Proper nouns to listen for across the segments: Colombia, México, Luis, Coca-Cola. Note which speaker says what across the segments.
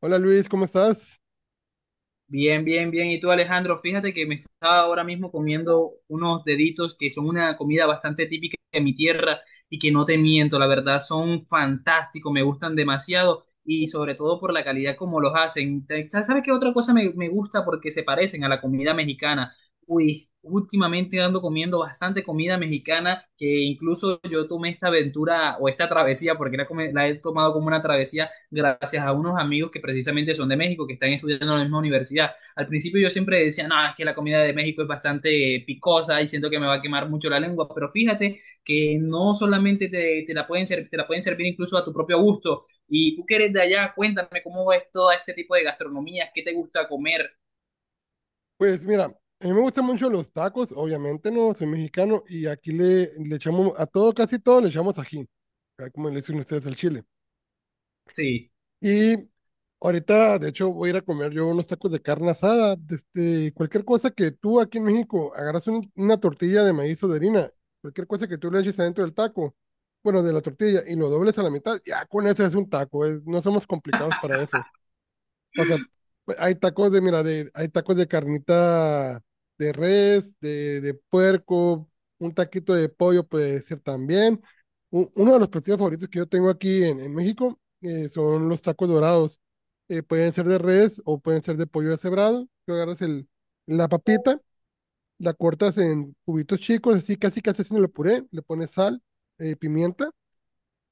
Speaker 1: Hola Luis, ¿cómo estás?
Speaker 2: Bien, bien, bien. Y tú, Alejandro, fíjate que me estaba ahora mismo comiendo unos deditos que son una comida bastante típica de mi tierra y que no te miento, la verdad son fantásticos, me gustan demasiado y sobre todo por la calidad como los hacen. ¿Sabes qué otra cosa me gusta? Porque se parecen a la comida mexicana. Uy, últimamente ando comiendo bastante comida mexicana que incluso yo tomé esta aventura o esta travesía, porque la he tomado como una travesía gracias a unos amigos que precisamente son de México, que están estudiando en la misma universidad. Al principio yo siempre decía, no, es que la comida de México es bastante picosa y siento que me va a quemar mucho la lengua, pero fíjate que no solamente te la pueden servir incluso a tu propio gusto. Y tú que eres de allá, cuéntame cómo es todo este tipo de gastronomía, qué te gusta comer.
Speaker 1: Pues mira, a mí me gustan mucho los tacos, obviamente no, soy mexicano y aquí le echamos a todo, casi todo le echamos ají, acá como le dicen ustedes al chile.
Speaker 2: Sí,
Speaker 1: Y ahorita, de hecho, voy a ir a comer yo unos tacos de carne asada, de este, cualquier cosa que tú aquí en México agarras una tortilla de maíz o de harina, cualquier cosa que tú le eches adentro del taco, bueno, de la tortilla y lo dobles a la mitad, ya con eso es un taco, no somos complicados para eso. O sea, pues, hay tacos de, mira, de, hay tacos de carnita de res, de puerco, un taquito de pollo puede ser también. Uno de los platillos favoritos que yo tengo aquí en México son los tacos dorados. Pueden ser de res o pueden ser de pollo deshebrado. Tú agarras el, la papita, la cortas en cubitos chicos, así casi casi haciendo el puré, le pones sal, pimienta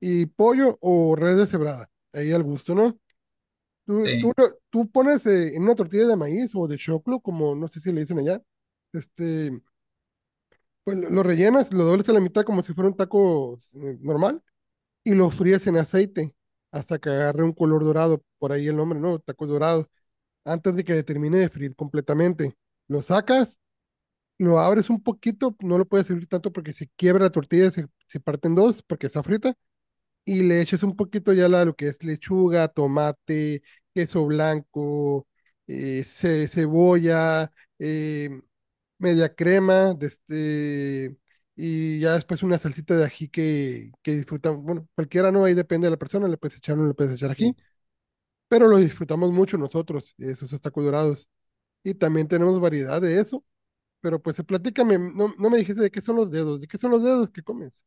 Speaker 1: y pollo o res deshebrada. Ahí al gusto, ¿no? Tú, tú,
Speaker 2: sí,
Speaker 1: lo- tú pones en una tortilla de maíz o de choclo, como no sé si le dicen allá, este, pues lo rellenas, lo doblas a la mitad como si fuera un taco normal y lo fríes en aceite hasta que agarre un color dorado, por ahí el nombre, ¿no? Tacos dorados, antes de que termine de freír completamente. Lo sacas, lo abres un poquito, no lo puedes abrir tanto porque se quiebra la tortilla, se parte en dos porque está frita y le eches un poquito ya la, lo que es lechuga, tomate, queso blanco, cebolla, eh, media crema, de este, y ya después una salsita de ají que disfrutamos. Bueno, cualquiera no, ahí depende de la persona, le puedes echar o no le puedes echar ají,
Speaker 2: sí.
Speaker 1: pero lo disfrutamos mucho nosotros, esos tacos dorados. Y también tenemos variedad de eso. Pero pues platícame, no, no me dijiste de qué son los dedos, ¿de qué son los dedos que comes?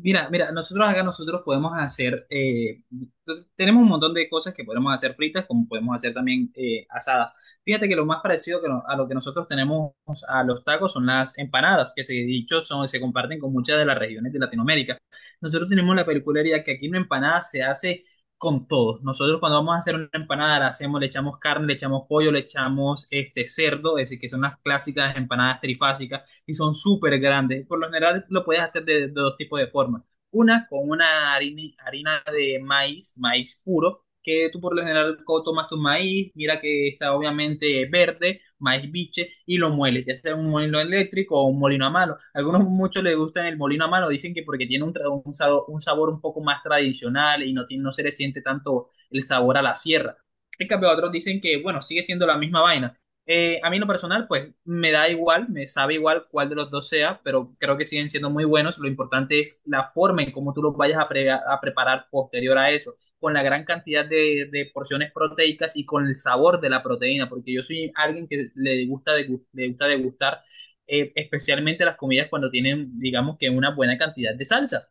Speaker 2: Mira, mira, nosotros acá nosotros podemos hacer, entonces, tenemos un montón de cosas que podemos hacer fritas, como podemos hacer también asadas. Fíjate que lo más parecido que no- a lo que nosotros tenemos a los tacos son las empanadas, que se dicho son, se comparten con muchas de las regiones de Latinoamérica. Nosotros tenemos la peculiaridad que aquí una empanada se hace con todo. Nosotros cuando vamos a hacer una empanada la hacemos, le echamos carne, le echamos pollo, le echamos este cerdo, es decir, que son las clásicas empanadas trifásicas y son súper grandes. Por lo general lo puedes hacer de dos tipos de formas. Una con una harina, harina de maíz, maíz puro, que tú por lo general tomas tu maíz, mira que está obviamente verde, maíz biche, y lo mueles, ya sea un molino eléctrico o un molino a mano. Algunos muchos les gustan el molino a mano, dicen que porque tiene un sabor, un sabor un poco más tradicional y no, no se le siente tanto el sabor a la sierra. En cambio, otros dicen que, bueno, sigue siendo la misma vaina, a mí en lo personal, pues me da igual, me sabe igual cuál de los dos sea, pero creo que siguen siendo muy buenos. Lo importante es la forma en cómo tú los vayas a preparar posterior a eso, con la gran cantidad de porciones proteicas y con el sabor de la proteína, porque yo soy alguien que le gusta, degustar especialmente las comidas cuando tienen, digamos que una buena cantidad de salsa.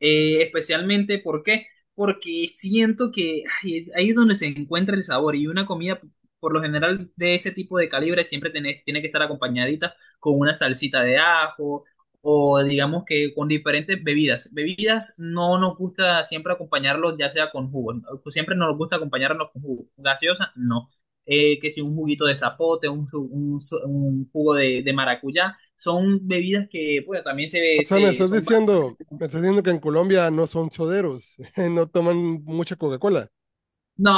Speaker 2: Especialmente, ¿por qué? Porque siento que ay, ahí es donde se encuentra el sabor y una comida, por lo general, de ese tipo de calibre siempre tiene que estar acompañadita con una salsita de ajo o digamos que con diferentes bebidas. Bebidas no nos gusta siempre acompañarlos ya sea con jugo, ¿no? Pues siempre nos gusta acompañarlos con jugo. Gaseosa, no. Que si un juguito de zapote, un jugo de maracuyá, son bebidas que pues, también
Speaker 1: O sea,
Speaker 2: son.
Speaker 1: me estás diciendo que en Colombia no son soderos, no toman mucha Coca-Cola.
Speaker 2: No,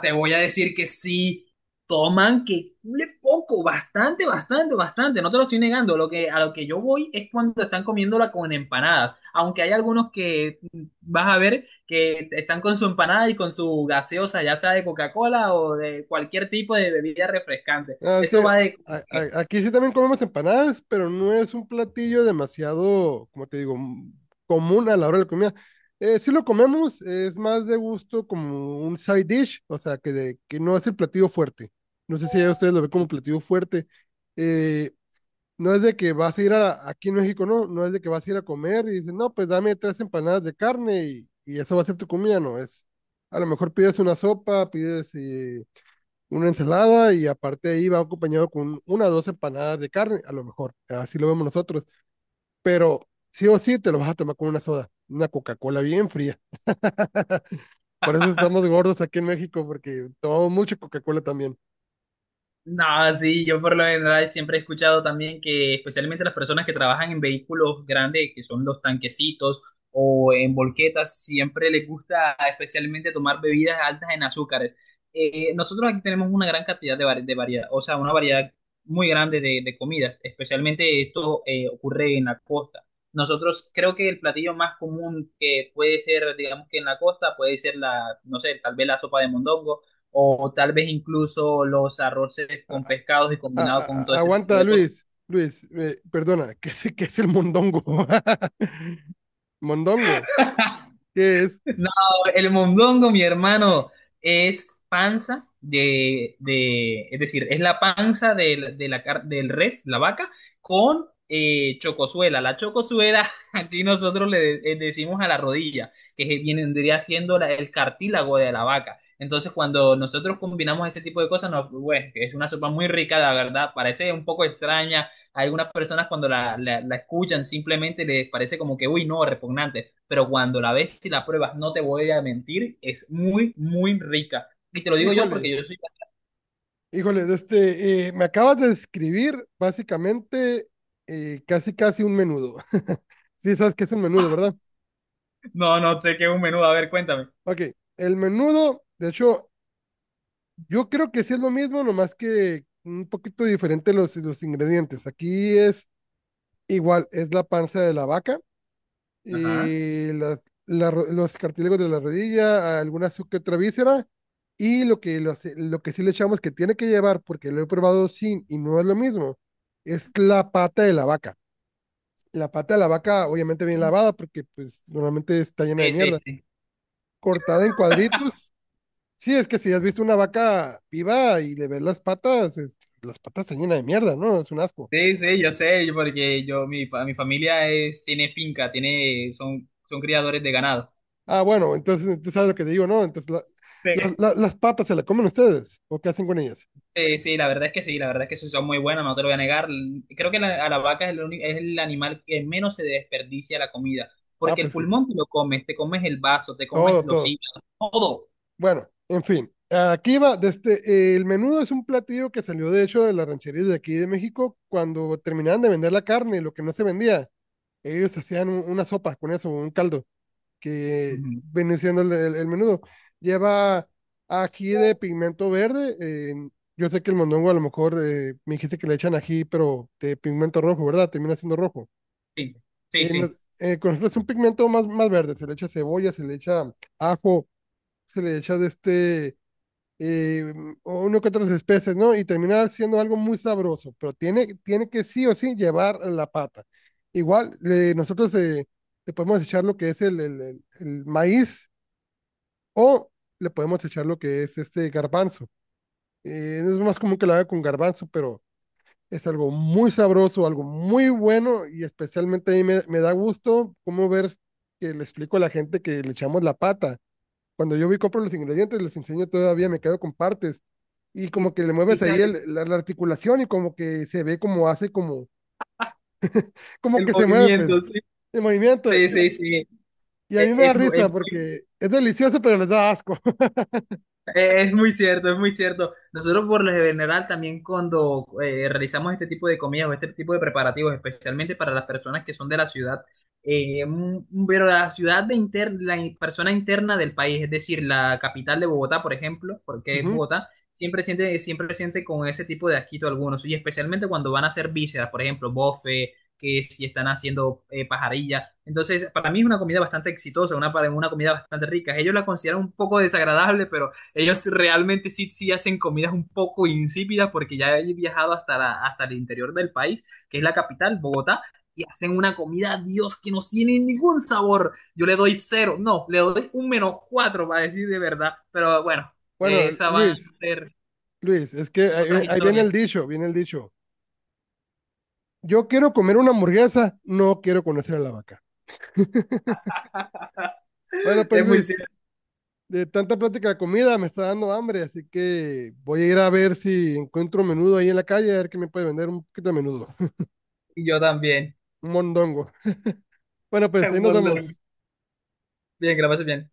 Speaker 2: te voy a decir que sí. Toman que cule poco, bastante, bastante, bastante. No te lo estoy negando. A lo que yo voy es cuando están comiéndola con empanadas. Aunque hay algunos que vas a ver que están con su empanada y con su gaseosa, ya sea de Coca-Cola o de cualquier tipo de bebida refrescante.
Speaker 1: Ah, es
Speaker 2: Eso
Speaker 1: que
Speaker 2: va de.
Speaker 1: aquí sí también comemos empanadas, pero no es un platillo demasiado, como te digo, común a la hora de la comida. Sí lo comemos, es más de gusto como un side dish, o sea, que no es el platillo fuerte. No sé si ya ustedes lo ven como platillo fuerte. Eh, No es de que vas a ir a, aquí en México, no, no es de que vas a ir a comer y dices, no, pues dame tres empanadas de carne y eso va a ser tu comida, no, es, a lo mejor pides una sopa, pides una ensalada y aparte ahí va acompañado con una o dos empanadas de carne, a lo mejor, así lo vemos nosotros, pero sí o sí te lo vas a tomar con una soda, una Coca-Cola bien fría. Por eso estamos gordos aquí en México, porque tomamos mucha Coca-Cola también.
Speaker 2: No, sí, yo por lo general siempre he escuchado también que especialmente las personas que trabajan en vehículos grandes, que son los tanquecitos o en volquetas, siempre les gusta especialmente tomar bebidas altas en azúcares. Nosotros aquí tenemos una gran cantidad de variedad, o sea, una variedad muy grande de comidas, especialmente esto ocurre en la costa. Nosotros creo que el platillo más común que puede ser, digamos que en la costa, puede ser la, no sé, tal vez la sopa de mondongo o tal vez incluso los arroces con pescados y combinado con todo ese tipo
Speaker 1: Aguanta,
Speaker 2: de cosas.
Speaker 1: Luis. Luis, perdona, ¿qué es el mondongo? Mondongo, ¿qué es?
Speaker 2: No, el mondongo, mi hermano, es panza es decir, es la panza del res, la vaca, con chocosuela. La chocosuela, aquí nosotros decimos a la rodilla, que vendría siendo el cartílago de la vaca. Entonces, cuando nosotros combinamos ese tipo de cosas, pues, bueno, es una sopa muy rica, la verdad, parece un poco extraña. Hay algunas personas cuando la escuchan simplemente les parece como que, uy, no, repugnante, pero cuando la ves y la pruebas, no te voy a mentir, es muy, muy rica. Y te lo digo yo
Speaker 1: Híjole,
Speaker 2: porque yo soy.
Speaker 1: híjole, de este, me acabas de describir básicamente casi casi un menudo. Sí, sabes qué es un menudo, ¿verdad?
Speaker 2: No, no sé qué es un menudo, a ver, cuéntame.
Speaker 1: Ok, el menudo, de hecho, yo creo que sí es lo mismo, nomás que un poquito diferente los ingredientes. Aquí es igual, es la panza de la vaca
Speaker 2: Ajá.
Speaker 1: los cartílagos de la rodilla, algunas que otra víscera, y lo que sí le echamos que tiene que llevar, porque lo he probado sin y no es lo mismo, es la pata de la vaca. La pata de la vaca obviamente bien lavada, porque pues normalmente está llena de
Speaker 2: Sí,
Speaker 1: mierda,
Speaker 2: sí, sí.
Speaker 1: cortada en cuadritos. Sí, es que si has visto una vaca viva y le ves las patas, las patas están llenas de mierda, ¿no? Es un asco.
Speaker 2: Sí, sí, yo sé, porque mi familia tiene finca, son criadores de ganado.
Speaker 1: Ah, bueno, entonces tú sabes lo que te digo, ¿no? Entonces las patas se las comen ustedes, ¿o qué hacen con ellas?
Speaker 2: Sí, sí, la verdad es que sí son muy buenas, no te lo voy a negar. Creo que a la vaca es es el animal que menos se desperdicia la comida,
Speaker 1: Ah,
Speaker 2: porque el
Speaker 1: pues
Speaker 2: pulmón te lo comes, te comes el vaso, te comes
Speaker 1: todo,
Speaker 2: los
Speaker 1: todo.
Speaker 2: hígados, todo.
Speaker 1: Bueno, en fin. Aquí va, desde, el menudo es un platillo que salió de hecho de las rancherías de aquí de México cuando terminaban de vender la carne, lo que no se vendía. Ellos hacían una sopa con eso, un caldo, que
Speaker 2: Ujú.
Speaker 1: viene siendo el menudo. Lleva ají de pigmento verde. Yo sé que el mondongo a lo mejor me dijiste que le echan ají, pero de pigmento rojo, ¿verdad? Termina siendo rojo.
Speaker 2: Sí, sí,
Speaker 1: Eh, no-
Speaker 2: sí.
Speaker 1: con nosotros es un pigmento más, más verde. Se le echa cebolla, se le echa ajo, se le echa de este, eh, o uno que otras especies, ¿no? Y termina siendo algo muy sabroso, pero tiene que sí o sí llevar la pata. Igual, nosotros le podemos echar lo que es el maíz o le podemos echar lo que es este garbanzo. Es más común que lo haga con garbanzo, pero es algo muy sabroso, algo muy bueno y especialmente a mí me da gusto cómo ver que le explico a la gente que le echamos la pata. Cuando yo voy y compro los ingredientes, les enseño todavía, me quedo con partes. Y
Speaker 2: Y,
Speaker 1: como que le
Speaker 2: y
Speaker 1: mueves ahí
Speaker 2: sabes,
Speaker 1: la articulación y como que se ve como hace como, como
Speaker 2: el
Speaker 1: que se mueve, pues,
Speaker 2: movimiento, sí.
Speaker 1: el movimiento.
Speaker 2: Sí, sí, sí.
Speaker 1: Y a
Speaker 2: Es,
Speaker 1: mí me da
Speaker 2: es mu- es
Speaker 1: risa
Speaker 2: muy,
Speaker 1: porque es delicioso, pero les da asco.
Speaker 2: Es muy cierto, es muy cierto. Nosotros por lo general también cuando realizamos este tipo de comidas o este tipo de preparativos, especialmente para las personas que son de la ciudad, pero la ciudad de inter- la in- persona interna del país, es decir, la capital de Bogotá, por ejemplo, porque es
Speaker 1: Ujú.
Speaker 2: Bogotá, siempre siente con ese tipo de asquito algunos, y especialmente cuando van a hacer vísceras, por ejemplo, bofe, que si están haciendo pajarilla. Entonces, para mí es una comida bastante exitosa, una comida bastante rica. Ellos la consideran un poco desagradable, pero ellos realmente sí, sí hacen comidas un poco insípidas porque ya he viajado hasta, hasta el interior del país, que es la capital, Bogotá, y hacen una comida, Dios, que no tiene ningún sabor. Yo le doy 0, no, le doy un -4 para decir de verdad, pero bueno,
Speaker 1: Bueno,
Speaker 2: esas van a
Speaker 1: Luis,
Speaker 2: ser
Speaker 1: Luis, es que ahí,
Speaker 2: otras
Speaker 1: ahí viene
Speaker 2: historias.
Speaker 1: el dicho, viene el dicho. Yo quiero comer una hamburguesa, no quiero conocer a la vaca. Bueno, pues
Speaker 2: Es muy
Speaker 1: Luis,
Speaker 2: cierto.
Speaker 1: de tanta plática de comida me está dando hambre, así que voy a ir a ver si encuentro menudo ahí en la calle, a ver qué me puede vender un poquito de menudo.
Speaker 2: Y yo también.
Speaker 1: Un mondongo. Bueno, pues ahí
Speaker 2: Un
Speaker 1: nos
Speaker 2: montón.
Speaker 1: vemos.
Speaker 2: Bien, que la pases bien.